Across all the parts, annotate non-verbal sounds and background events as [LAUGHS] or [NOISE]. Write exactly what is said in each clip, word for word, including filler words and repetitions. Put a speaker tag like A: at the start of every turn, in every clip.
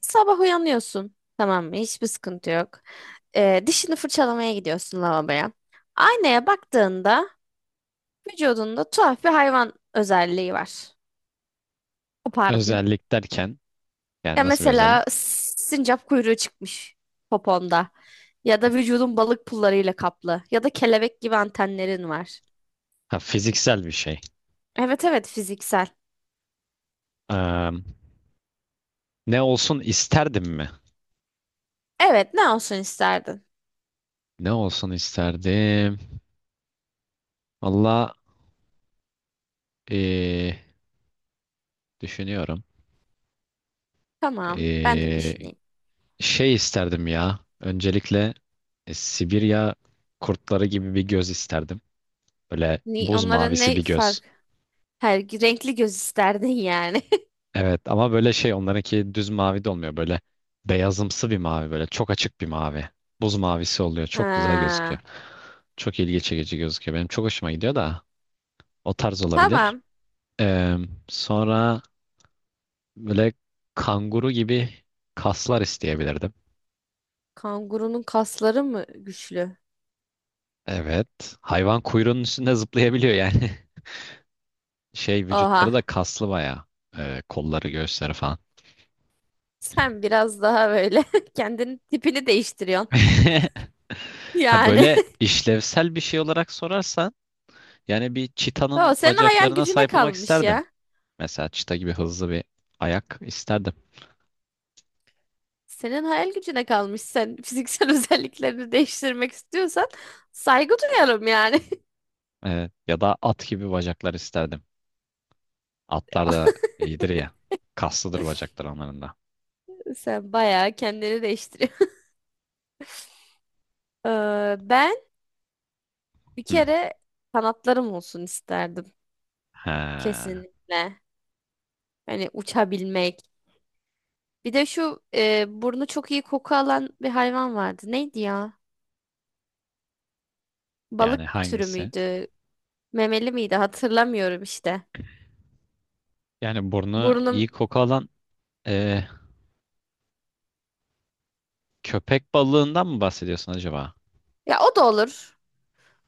A: Sabah uyanıyorsun. Tamam mı? Hiçbir sıkıntı yok. Ee, dişini fırçalamaya gidiyorsun lavaboya. Aynaya baktığında vücudunda tuhaf bir hayvan özelliği var. Kopardın.
B: Özellik derken yani
A: Ya
B: nasıl bir özellik?
A: mesela sincap kuyruğu çıkmış poponda. Ya da vücudun balık pullarıyla kaplı. Ya da kelebek gibi antenlerin var.
B: Ha, fiziksel bir şey.
A: Evet evet, fiziksel.
B: Eee, ne olsun isterdim mi?
A: Evet, ne olsun isterdin?
B: Ne olsun isterdim? Valla eee, düşünüyorum.
A: Tamam, ben de
B: Eee,
A: düşüneyim.
B: şey isterdim ya. Öncelikle e, Sibirya kurtları gibi bir göz isterdim. Böyle
A: Ni
B: buz
A: onlara
B: mavisi
A: ne
B: bir göz.
A: fark? Her renkli göz isterdin yani.
B: Evet ama böyle şey onlarınki düz mavi de olmuyor. Böyle beyazımsı bir mavi, böyle çok açık bir mavi. Buz mavisi oluyor.
A: [LAUGHS]
B: Çok güzel
A: Ha.
B: gözüküyor. Çok ilgi çekici gözüküyor. Benim çok hoşuma gidiyor da o tarz olabilir.
A: Tamam.
B: Ee, sonra böyle kanguru gibi kaslar isteyebilirdim.
A: Kangurunun kasları mı güçlü?
B: Evet. Hayvan kuyruğunun üstünde zıplayabiliyor yani. [LAUGHS] Şey, vücutları
A: Oha.
B: da kaslı bayağı. Ee, kolları, göğüsleri falan.
A: Sen biraz daha böyle [LAUGHS] kendini tipini değiştiriyorsun.
B: [LAUGHS] Ha,
A: Yani.
B: böyle
A: [LAUGHS]
B: işlevsel bir şey olarak sorarsan yani bir
A: O
B: çitanın
A: senin hayal
B: bacaklarına
A: gücüne
B: sahip olmak
A: kalmış
B: isterdim.
A: ya.
B: Mesela çita gibi hızlı bir ayak isterdim.
A: Senin hayal gücüne kalmış. Sen fiziksel [LAUGHS] özelliklerini değiştirmek istiyorsan saygı duyarım yani.
B: Ee, ya da at gibi bacaklar isterdim. Atlar da iyidir ya. Kaslıdır bacaklar onların da.
A: [LAUGHS] Sen bayağı kendini değiştiriyorsun. [LAUGHS] Ee, ben bir
B: Hı.
A: kere kanatlarım olsun isterdim.
B: He.
A: Kesinlikle. Hani uçabilmek. Bir de şu e, burnu çok iyi koku alan bir hayvan vardı. Neydi ya?
B: Yani
A: Balık türü
B: hangisi?
A: müydü? Memeli miydi? Hatırlamıyorum işte.
B: Yani burnu
A: Burnum,
B: iyi koku alan e, köpek balığından mı bahsediyorsun acaba?
A: ya o da olur.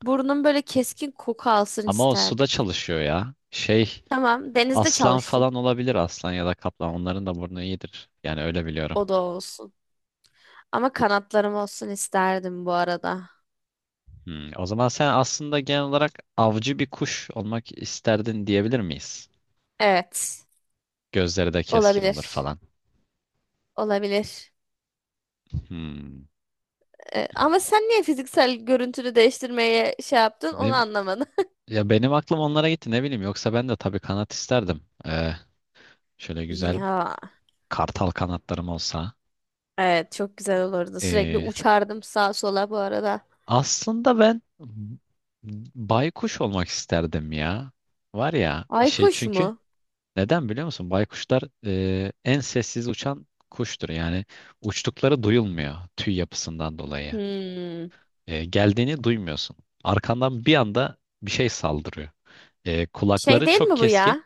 A: Burnum böyle keskin koku alsın
B: Ama o suda
A: isterdim.
B: çalışıyor ya. Şey,
A: Tamam, denizde
B: aslan
A: çalışsın.
B: falan olabilir, aslan ya da kaplan. Onların da burnu iyidir. Yani öyle biliyorum.
A: O da olsun. Ama kanatlarım olsun isterdim bu arada.
B: Hmm, o zaman sen aslında genel olarak avcı bir kuş olmak isterdin diyebilir miyiz?
A: Evet.
B: Gözleri de keskin olur
A: Olabilir.
B: falan.
A: Olabilir.
B: Hmm.
A: Ee, ama sen niye fiziksel görüntünü değiştirmeye şey yaptın onu
B: Ne,
A: anlamadım. [LAUGHS]
B: ya benim aklım onlara gitti, ne bileyim. Yoksa ben de tabii kanat isterdim. Ee, şöyle güzel
A: Ya
B: kartal kanatlarım olsa.
A: evet, çok güzel olurdu. Sürekli
B: Ee,
A: uçardım sağa sola bu arada.
B: aslında ben baykuş olmak isterdim ya. Var ya, şey,
A: Aykuş
B: çünkü
A: mu?
B: neden biliyor musun? Baykuşlar e, en sessiz uçan kuştur. Yani uçtukları duyulmuyor tüy yapısından dolayı.
A: Hmm.
B: E, geldiğini duymuyorsun. Arkandan bir anda bir şey saldırıyor. E,
A: Şey
B: kulakları
A: değil
B: çok
A: mi bu
B: keskin.
A: ya?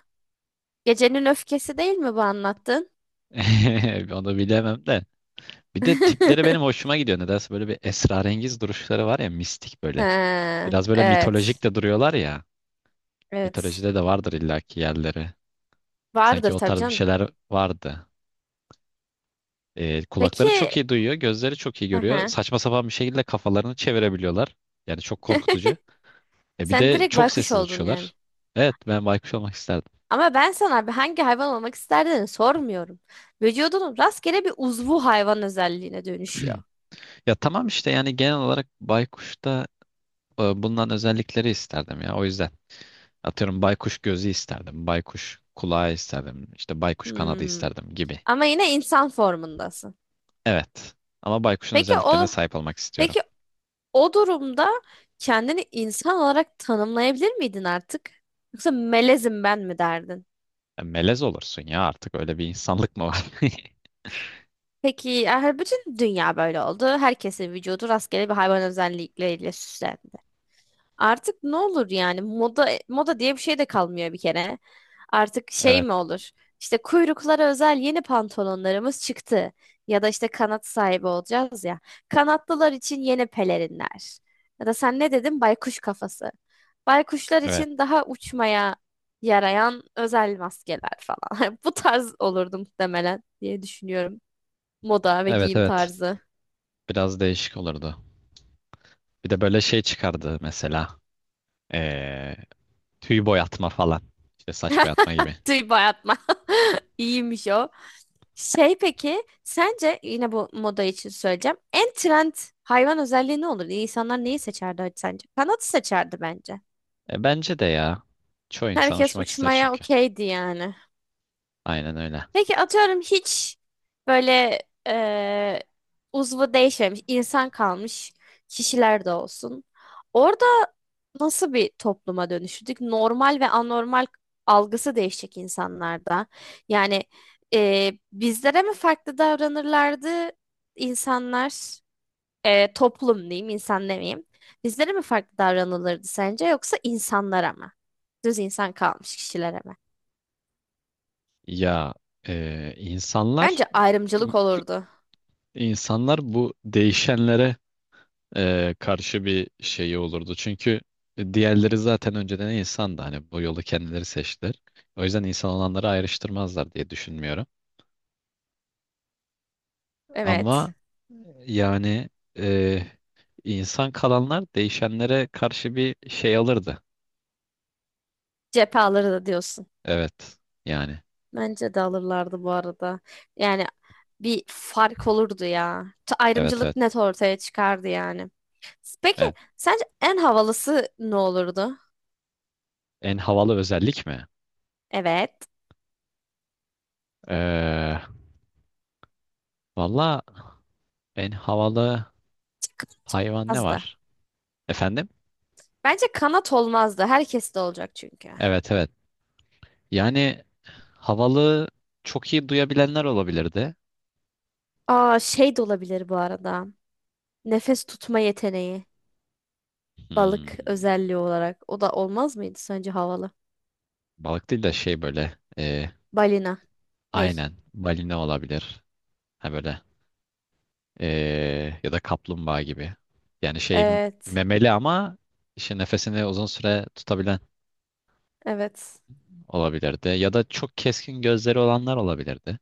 A: Gecenin öfkesi değil mi bu anlattın?
B: [LAUGHS] Onu bilemem de. Bir de tipleri benim
A: [LAUGHS]
B: hoşuma gidiyor. Nedense böyle bir esrarengiz duruşları var ya, mistik böyle.
A: Ha,
B: Biraz böyle mitolojik
A: evet.
B: de duruyorlar ya.
A: Evet.
B: Mitolojide de vardır illaki yerleri. Sanki
A: Vardır
B: o
A: tabii
B: tarz bir
A: canım.
B: şeyler vardı. E,
A: Peki,
B: kulakları çok iyi duyuyor, gözleri çok iyi
A: hı
B: görüyor.
A: hı.
B: Saçma sapan bir şekilde kafalarını çevirebiliyorlar. Yani çok korkutucu. E, bir
A: Sen
B: de
A: direkt
B: çok
A: baykuş
B: sessiz
A: oldun yani.
B: uçuyorlar. Evet, ben baykuş olmak isterdim.
A: Ama ben sana bir hangi hayvan olmak isterdin sormuyorum. Vücudunun rastgele bir uzvu hayvan özelliğine dönüşüyor.
B: [CLEARS THROAT] Ya tamam işte, yani genel olarak baykuşta e, bulunan özellikleri isterdim ya. O yüzden atıyorum baykuş gözü isterdim, baykuş kulağı isterdim, işte baykuş kanadı
A: Hmm.
B: isterdim gibi.
A: Ama yine insan formundasın.
B: Evet. Ama baykuşun
A: Peki
B: özelliklerine
A: o,
B: sahip olmak istiyorum.
A: peki o durumda kendini insan olarak tanımlayabilir miydin artık? Yoksa melezim ben mi derdin?
B: E, melez olursun ya, artık öyle bir insanlık mı var? [LAUGHS]
A: Peki yani bütün dünya böyle oldu. Herkesin vücudu rastgele bir hayvan özellikleriyle süslendi. Artık ne olur yani, moda moda diye bir şey de kalmıyor bir kere. Artık şey
B: Evet,
A: mi olur? İşte kuyruklara özel yeni pantolonlarımız çıktı. Ya da işte kanat sahibi olacağız ya. Kanatlılar için yeni pelerinler. Ya da sen ne dedin? Baykuş kafası. Baykuşlar
B: evet.
A: için daha uçmaya yarayan özel maskeler falan. [LAUGHS] Bu tarz olurdu muhtemelen diye düşünüyorum. Moda ve
B: Evet,
A: giyim
B: evet.
A: tarzı.
B: Biraz değişik olurdu. Bir de böyle şey çıkardı mesela. E, tüy boyatma falan. İşte saç boyatma gibi.
A: [LAUGHS] Tüy bayatma. [LAUGHS] İyiymiş o. Şey, peki sence yine bu moda için söyleyeceğim. En trend hayvan özelliği ne olur? İnsanlar neyi seçerdi sence? Kanatı seçerdi bence.
B: E, bence de ya. Çoğu insan
A: Herkes
B: uçmak ister
A: uçmaya
B: çünkü.
A: okeydi yani.
B: Aynen öyle.
A: Peki atıyorum, hiç böyle eee uzvu değişmemiş insan kalmış kişiler de olsun. Orada nasıl bir topluma dönüştük? Normal ve anormal algısı değişecek insanlarda. Yani e, bizlere mi farklı davranırlardı insanlar, e, toplum diyeyim, insan demeyeyim. Bizlere mi farklı davranılırdı sence, yoksa insanlara mı? Düz insan kalmış kişilere mi?
B: Ya, e,
A: Bence
B: insanlar
A: ayrımcılık olurdu.
B: insanlar bu değişenlere e, karşı bir şeyi olurdu. Çünkü diğerleri zaten önceden insandı. Hani bu yolu kendileri seçtiler. O yüzden insan olanları ayrıştırmazlar diye düşünmüyorum.
A: Evet.
B: Ama yani e, İnsan kalanlar değişenlere karşı bir şey alırdı.
A: Cephe alırdı diyorsun.
B: Evet. Yani.
A: Bence de alırlardı bu arada. Yani bir fark olurdu ya. Ta-
B: Evet, evet.
A: Ayrımcılık net ortaya çıkardı yani. Peki
B: Evet.
A: sence en havalısı ne olurdu?
B: En havalı özellik mi?
A: Evet.
B: Ee, valla en havalı hayvan ne
A: Kıpırmazdı.
B: var? Efendim?
A: Bence kanat olmazdı. Herkes de olacak çünkü.
B: Evet, evet. Yani havalı, çok iyi duyabilenler olabilirdi.
A: Aa, şey de olabilir bu arada. Nefes tutma yeteneği. Balık
B: Hmm.
A: özelliği olarak. O da olmaz mıydı sence havalı?
B: Balık değil de şey böyle. ee,
A: Balina. Ney?
B: aynen. Balina olabilir. Ha böyle. ee, ya da kaplumbağa gibi. Yani şey,
A: Evet.
B: memeli ama işte nefesini uzun süre tutabilen
A: Evet.
B: olabilirdi. Ya da çok keskin gözleri olanlar olabilirdi.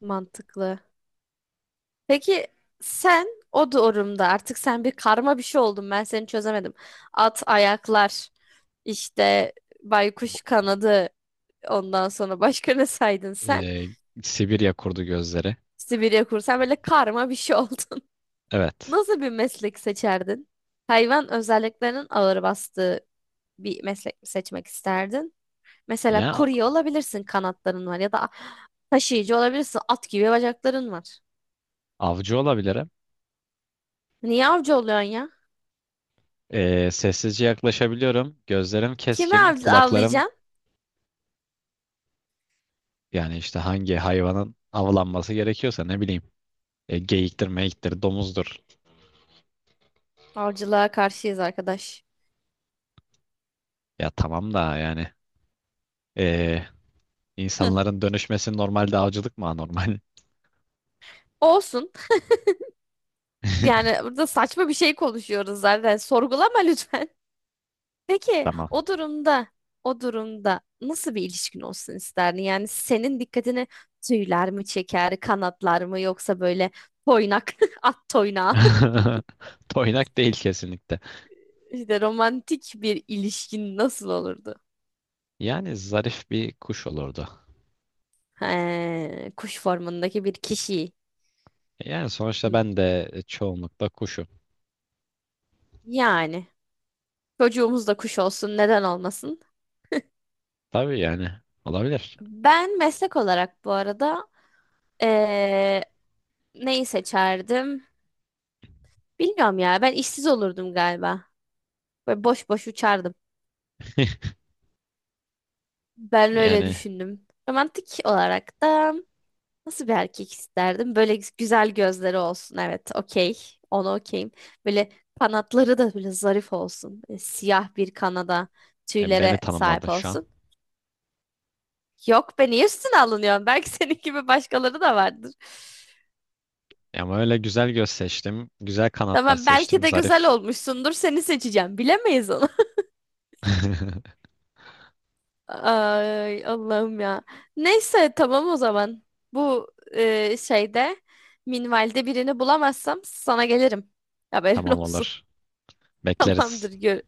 A: Mantıklı. Peki sen o durumda artık sen bir karma bir şey oldun. Ben seni çözemedim. At ayaklar, işte
B: Bu-
A: baykuş kanadı. Ondan sonra başka ne saydın sen?
B: Ee, Sibirya kurdu gözleri.
A: Sibirya kursan böyle karma bir şey oldun. [LAUGHS]
B: Evet.
A: Nasıl bir meslek seçerdin? Hayvan özelliklerinin ağır bastığı bir meslek mi seçmek isterdin? Mesela
B: Ya,
A: kurye olabilirsin, kanatların var, ya da taşıyıcı olabilirsin, at gibi bacakların var.
B: avcı olabilirim.
A: Niye avcı oluyorsun ya?
B: Ee, sessizce yaklaşabiliyorum. Gözlerim
A: Kimi
B: keskin.
A: av
B: Kulaklarım,
A: avlayacaksın?
B: yani işte hangi hayvanın avlanması gerekiyorsa, ne bileyim. E, geyiktir, meyiktir, domuzdur.
A: Avcılığa karşıyız arkadaş.
B: Ya tamam da yani. ee,
A: Hı,
B: insanların dönüşmesi normalde, avcılık mı anormal?
A: olsun. Yani
B: [LAUGHS]
A: burada saçma bir şey konuşuyoruz zaten. Sorgulama lütfen. Peki
B: Tamam.
A: o durumda o durumda nasıl bir ilişkin olsun isterdin? Yani senin dikkatini tüyler mi çeker, kanatlar mı, yoksa böyle toynak, [LAUGHS] at toynağı
B: [LAUGHS] Toynak değil kesinlikle.
A: [LAUGHS] işte romantik bir ilişkin nasıl olurdu?
B: Yani zarif bir kuş olurdu.
A: He, kuş formundaki bir kişi.
B: Yani sonuçta
A: Hı.
B: ben de e, çoğunlukla kuşum.
A: Yani çocuğumuz da kuş olsun, neden olmasın?
B: Tabii yani olabilir.
A: Ben meslek olarak bu arada eee, neyi seçerdim? Bilmiyorum ya, ben işsiz olurdum galiba. Böyle boş boş uçardım.
B: [LAUGHS]
A: Ben öyle
B: Yani
A: düşündüm. Romantik olarak da nasıl bir erkek isterdim? Böyle güzel gözleri olsun. Evet, okey. Ona okeyim. Böyle kanatları da böyle zarif olsun. Böyle siyah bir kanada
B: e, beni
A: tüylere sahip
B: tanımladı şu an.
A: olsun. Yok be, niye üstüne alınıyorsun? Belki [LAUGHS] senin gibi başkaları da vardır.
B: Ama öyle güzel göz seçtim. Güzel kanatlar
A: Tamam, belki
B: seçtim.
A: de güzel
B: Zarif.
A: olmuşsundur. Seni seçeceğim. Bilemeyiz onu.
B: [LAUGHS]
A: Ay Allah'ım ya. Neyse, tamam o zaman. Bu e, şeyde minvalde birini bulamazsam sana gelirim. Haberin
B: Tamam,
A: olsun.
B: olur.
A: [LAUGHS]
B: Bekleriz.
A: Tamamdır gör.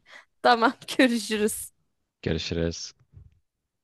A: Tamam, görüşürüz.
B: Görüşürüz.